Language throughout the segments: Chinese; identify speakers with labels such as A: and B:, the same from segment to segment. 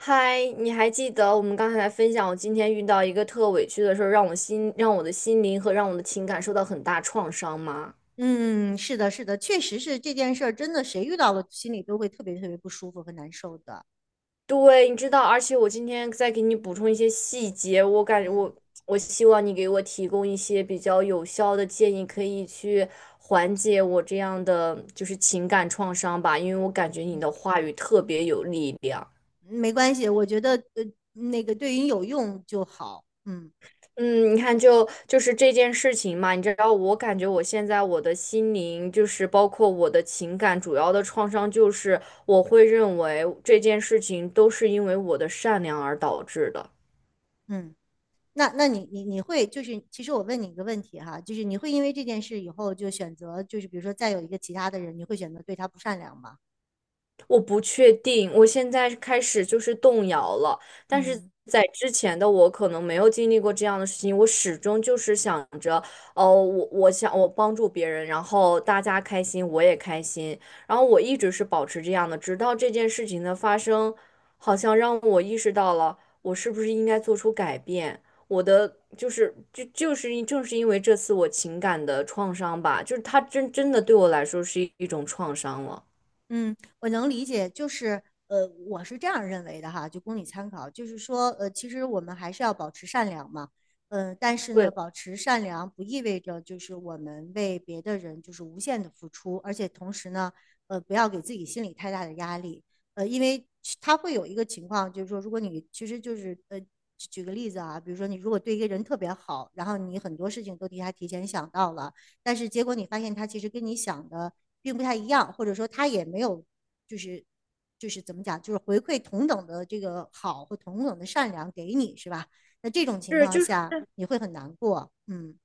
A: 嗨，你还记得我们刚才在分享我今天遇到一个特委屈的事儿，让我的心灵和让我的情感受到很大创伤吗？
B: 嗯，是的，是的，确实是这件事儿，真的谁遇到了，心里都会特别特别不舒服和难受的。
A: 对，你知道，而且我今天再给你补充一些细节，我感觉我
B: 嗯
A: 我希望你给我提供一些比较有效的建议，可以去缓解我这样的就是情感创伤吧，因为我感觉
B: 嗯，
A: 你的话语特别有力量。
B: 没关系，我觉得那个对于你有用就好。嗯
A: 嗯，你看就，就是这件事情嘛，你知道，我感觉我现在我的心灵，就是包括我的情感，主要的创伤就是我会认为这件事情都是因为我的善良而导致的。
B: 嗯，那你会就是，其实我问你一个问题哈，就是你会因为这件事以后就选择，就是比如说再有一个其他的人，你会选择对他不善良吗？
A: 我不确定，我现在开始就是动摇了。但是
B: 嗯。
A: 在之前的我可能没有经历过这样的事情，我始终就是想着，哦，我想我帮助别人，然后大家开心，我也开心。然后我一直是保持这样的，直到这件事情的发生，好像让我意识到了，我是不是应该做出改变。我的就是就就是因正是因为这次我情感的创伤吧，就是它真的对我来说是一种创伤了。
B: 嗯，我能理解，就是我是这样认为的哈，就供你参考。就是说，其实我们还是要保持善良嘛。但是
A: 对，
B: 呢，保持善良不意味着就是我们为别的人就是无限的付出，而且同时呢，不要给自己心里太大的压力。因为其他会有一个情况，就是说，如果你其实就是举个例子啊，比如说你如果对一个人特别好，然后你很多事情都替他提前想到了。但是结果你发现他其实跟你想的并不太一样，或者说他也没有就是就是怎么讲，就是回馈同等的这个好或同等的善良给你，是吧？那这种情
A: 是，
B: 况
A: 就是
B: 下你会很难过。嗯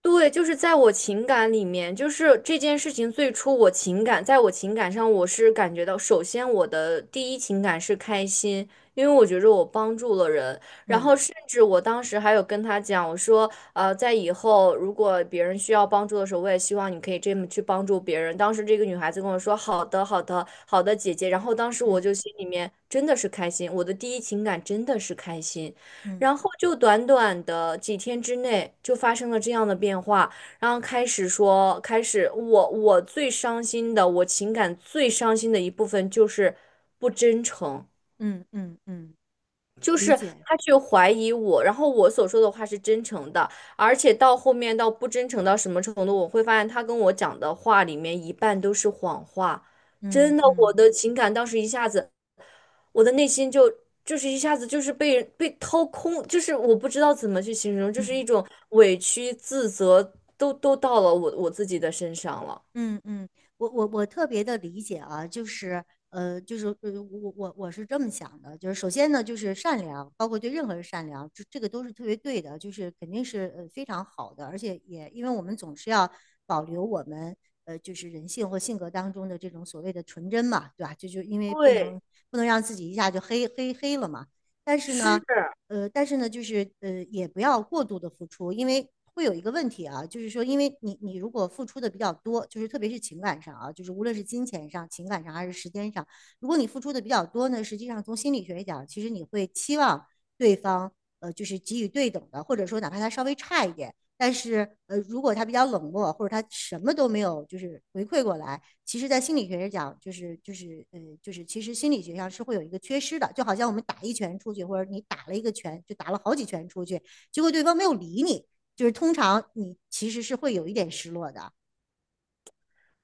A: 对，就是在我情感里面，就是这件事情最初我情感，在我情感上，我是感觉到，首先我的第一情感是开心，因为我觉着我帮助了人，然后
B: 嗯
A: 甚至我当时还有跟他讲，我说，在以后如果别人需要帮助的时候，我也希望你可以这么去帮助别人。当时这个女孩子跟我说，好的，好的，好的，姐姐。然后当时我
B: 嗯
A: 就心里面真的是开心，我的第一情感真的是开心。
B: 嗯
A: 然后就短短的几天之内就发生了这样的变化，开始我最伤心的，我情感最伤心的一部分就是不真诚，
B: 嗯嗯嗯，
A: 就
B: 理
A: 是
B: 解，
A: 他去怀疑我，然后我所说的话是真诚的，而且到后面到不真诚到什么程度，我会发现他跟我讲的话里面一半都是谎话。
B: 嗯
A: 真的，我
B: 嗯
A: 的情感当时一下子。我的内心就一下子就是被掏空，就是我不知道怎么去形容，就是
B: 嗯。
A: 一种委屈、自责，都到了我自己的身上了。
B: 嗯嗯，我特别的理解啊，就是我是这么想的，就是首先呢，就是善良，包括对任何人善良，这个都是特别对的，就是肯定是非常好的，而且也因为我们总是要保留我们就是人性或性格当中的这种所谓的纯真嘛，对吧？就因为不能
A: 对，
B: 让自己一下就黑黑黑了嘛。但是呢，
A: 是。
B: 但是呢，就是也不要过度的付出，因为会有一个问题啊，就是说，因为你如果付出的比较多，就是特别是情感上啊，就是无论是金钱上、情感上还是时间上，如果你付出的比较多呢，实际上从心理学讲，其实你会期望对方就是给予对等的，或者说哪怕他稍微差一点，但是如果他比较冷漠，或者他什么都没有就是回馈过来。其实，在心理学上讲，就是其实心理学上是会有一个缺失的，就好像我们打一拳出去，或者你打了一个拳，就打了好几拳出去，结果对方没有理你，就是通常你其实是会有一点失落的。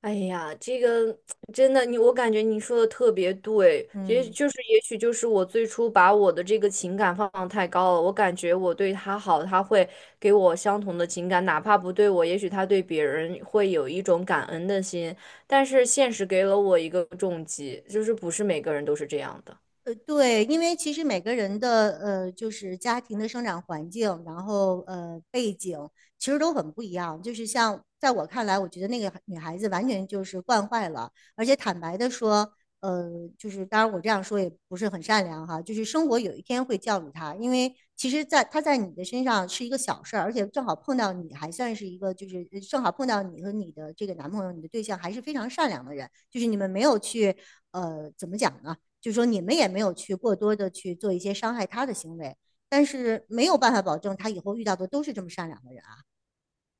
A: 哎呀，这个真的，你我感觉你说的特别对，也
B: 嗯。
A: 就是也许就是我最初把我的这个情感放得太高了，我感觉我对他好，他会给我相同的情感，哪怕不对我，也许他对别人会有一种感恩的心，但是现实给了我一个重击，就是不是每个人都是这样的。
B: 对，因为其实每个人的就是家庭的生长环境，然后背景，其实都很不一样。就是像在我看来，我觉得那个女孩子完全就是惯坏了，而且坦白的说，呃，就是当然我这样说也不是很善良哈，就是生活有一天会教育她，因为其实在她在你的身上是一个小事儿，而且正好碰到你还算是一个正好碰到你和你的这个男朋友、你的对象还是非常善良的人，就是你们没有去怎么讲呢？就是说你们也没有去过多的去做一些伤害他的行为，但是没有办法保证他以后遇到的都是这么善良的人啊。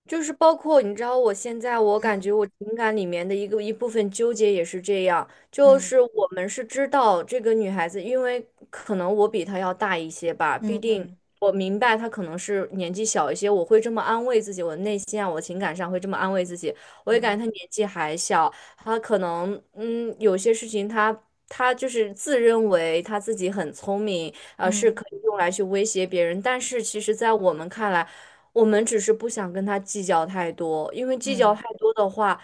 A: 就是包括你知道，我现在我感
B: 嗯
A: 觉我情感里面的一部分纠结也是这样，就
B: 嗯
A: 是我们是知道这个女孩子，因为可能我比她要大一些吧，必
B: 嗯
A: 定
B: 嗯
A: 我明白她可能是年纪小一些，我会这么安慰自己，我内心啊，我情感上会这么安慰自己，我也感
B: 嗯
A: 觉她年纪还小，她可能有些事情她。她就是自认为她自己很聪明，是
B: 嗯
A: 可以用来去威胁别人，但是其实，在我们看来，我们只是不想跟他计较太多，因为计较
B: 嗯，
A: 太多的话，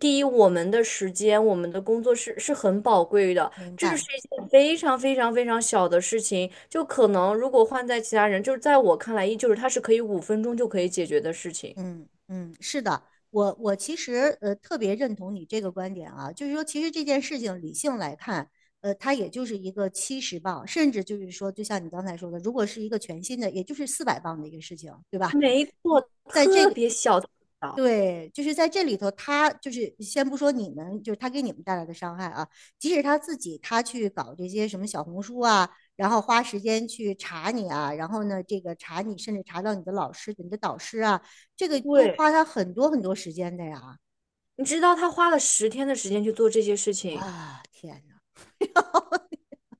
A: 第一，我们的时间、我们的工作是很宝贵的，
B: 明
A: 这是
B: 白。
A: 一件非常非常非常小的事情，就可能如果换在其他人，就是在我看来，依旧是他是可以五分钟就可以解决的事情。
B: 嗯嗯，是的，我其实特别认同你这个观点啊，就是说其实这件事情理性来看，它也就是一个70磅，甚至就是说，就像你刚才说的，如果是一个全新的，也就是400磅的一个事情，对吧？
A: 没错，特别小，特别小。
B: 对，就是在这里头，他就是先不说你们，就是他给你们带来的伤害啊，即使他自己他去搞这些什么小红书啊，然后花时间去查你啊，然后呢，这个查你，甚至查到你的老师、你的导师啊，这个都
A: 对，
B: 花他很多很多时间的呀。
A: 你知道他花了10天的时间去做这些事情。
B: 啊，天哪！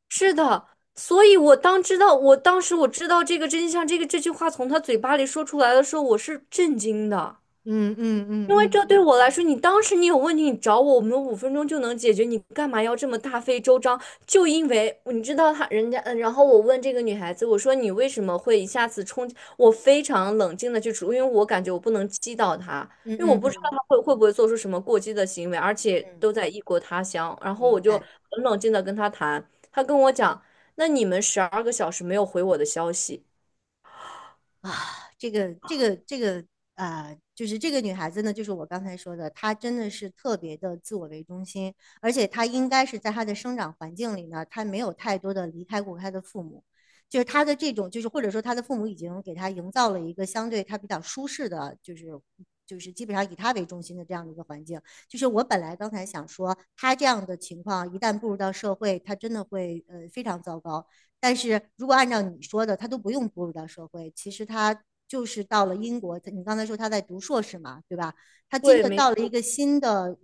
A: 是的，所以我当时我知道这个真相，这句话从他嘴巴里说出来的时候，我是震惊的。
B: 嗯嗯嗯
A: 因为
B: 嗯
A: 这对
B: 嗯，
A: 我来说，你当时你有问题，你找我，我们五分钟就能解决，你干嘛要这么大费周章？就因为你知道他人家，嗯，然后我问这个女孩子，我说你为什么会一下子冲？我非常冷静的去处，因为我感觉我不能激到她，
B: 嗯
A: 因为我
B: 嗯
A: 不知道她
B: 嗯
A: 会不会做出什么过激的行为，而且
B: 嗯，
A: 都在异国他乡，然后我
B: 明
A: 就
B: 白。
A: 很冷静的跟她谈，她跟我讲，那你们12个小时没有回我的消息。
B: 啊，这个这个这个就是这个女孩子呢，就是我刚才说的，她真的是特别的自我为中心，而且她应该是在她的生长环境里呢，她没有太多的离开过她的父母，就是她的这种，就是或者说她的父母已经给她营造了一个相对她比较舒适的，就是基本上以她为中心的这样的一个环境。就是我本来刚才想说，她这样的情况一旦步入到社会，她真的会非常糟糕。但是如果按照你说的，他都不用步入到社会，其实他就是到了英国，你刚才说他在读硕士嘛，对吧？他真
A: 对，
B: 的
A: 没。
B: 到了一个新的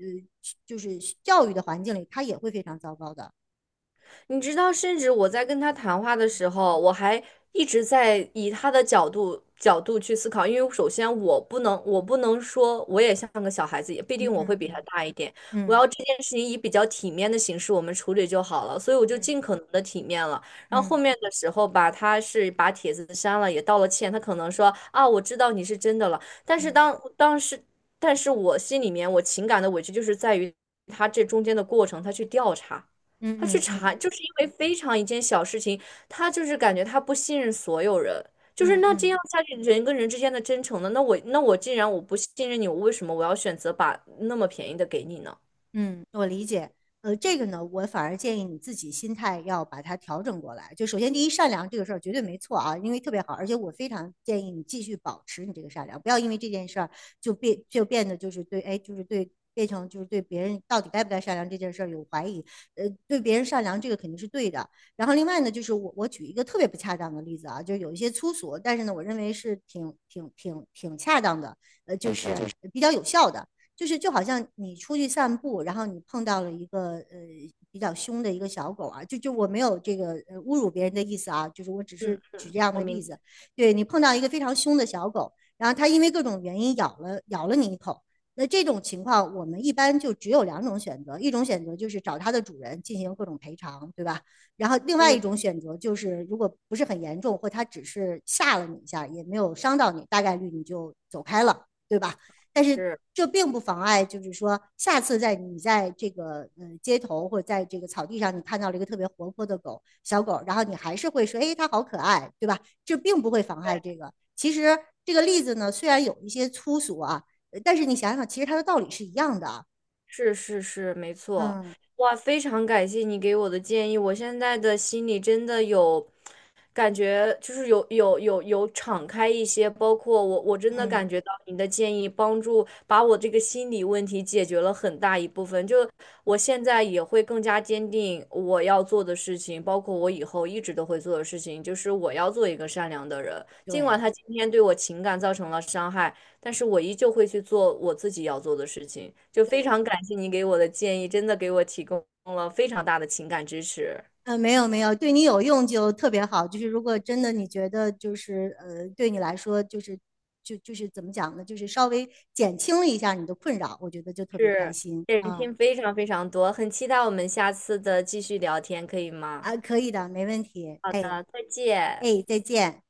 B: 就是教育的环境里，他也会非常糟糕的。
A: 你知道，甚至我在跟他谈话的时候，我还一直在以他的角度去思考，因为首先我不能，我不能说我也像个小孩子，也必
B: 嗯
A: 定我会比他
B: 嗯
A: 大一点。我
B: 嗯
A: 要这件事情以比较体面的形式我们处理就好了，所以我就尽
B: 嗯
A: 可能的体面了。然后后
B: 嗯
A: 面的时候吧，他是把帖子删了，也道了歉，他可能说啊，我知道你是真的了，但是
B: 嗯
A: 当时，但是我心里面我情感的委屈就是在于他这中间的过程，他去调查。
B: 嗯
A: 他去
B: 嗯嗯嗯嗯嗯嗯
A: 查，就
B: 嗯。
A: 是因为非常一件小事情，他就是感觉他不信任所有人，
B: 嗯嗯嗯
A: 就是
B: 嗯
A: 那这样
B: 嗯
A: 下去，人跟人之间的真诚呢？那我既然我不信任你，我为什么要选择把那么便宜的给你呢？
B: 嗯，我理解。这个呢，我反而建议你自己心态要把它调整过来。就首先，第一，善良这个事儿绝对没错啊，因为特别好，而且我非常建议你继续保持你这个善良，不要因为这件事儿就变得就是对，哎，就是对。变成就是对别人到底该不该善良这件事儿有怀疑。对别人善良这个肯定是对的。然后另外呢，就是我举一个特别不恰当的例子啊，就是有一些粗俗，但是呢，我认为是挺恰当的，就是比较有效的。就是就好像你出去散步，然后你碰到了一个比较凶的一个小狗啊，就我没有这个侮辱别人的意思啊，就是我只
A: 嗯，
B: 是举这样
A: 我
B: 的例
A: 明。
B: 子。对，你碰到一个非常凶的小狗，然后它因为各种原因咬了你一口，那这种情况我们一般就只有两种选择，一种选择就是找它的主人进行各种赔偿，对吧？然后另外
A: 嗯。
B: 一种选择就是，如果不是很严重，或它只是吓了你一下，也没有伤到你，大概率你就走开了，对吧？但是
A: 是。
B: 这并不妨碍，就是说下次在你在这个街头或者在这个草地上，你看到了一个特别活泼的狗小狗，然后你还是会说，哎，它好可爱，对吧？这并不会妨碍这个。其实这个例子呢，虽然有一些粗俗啊，但是你想想，其实它的道理是一样的啊。
A: 是是是，没错。
B: 嗯
A: 哇，非常感谢你给我的建议，我现在的心里真的有感觉，就是有敞开一些，包括我真的
B: 嗯，
A: 感觉到你的建议帮助把我这个心理问题解决了很大一部分，就我现在也会更加坚定我要做的事情，包括我以后一直都会做的事情，就是我要做一个善良的人，尽管
B: 对
A: 他今天对我情感造成了伤害。但是我依旧会去做我自己要做的事情。就非常
B: 对。
A: 感谢你给我的建议，真的给我提供了非常大的情感支持，
B: 没有没有，对你有用就特别好。就是如果真的你觉得就是对你来说就是就是怎么讲呢？就是稍微减轻了一下你的困扰，我觉得就特别开
A: 是
B: 心
A: 减
B: 啊。
A: 轻非常非常多。很期待我们下次的继续聊天，可以吗？
B: 啊，可以的，没问题。
A: 好
B: 哎
A: 的，再见。
B: 哎，再见。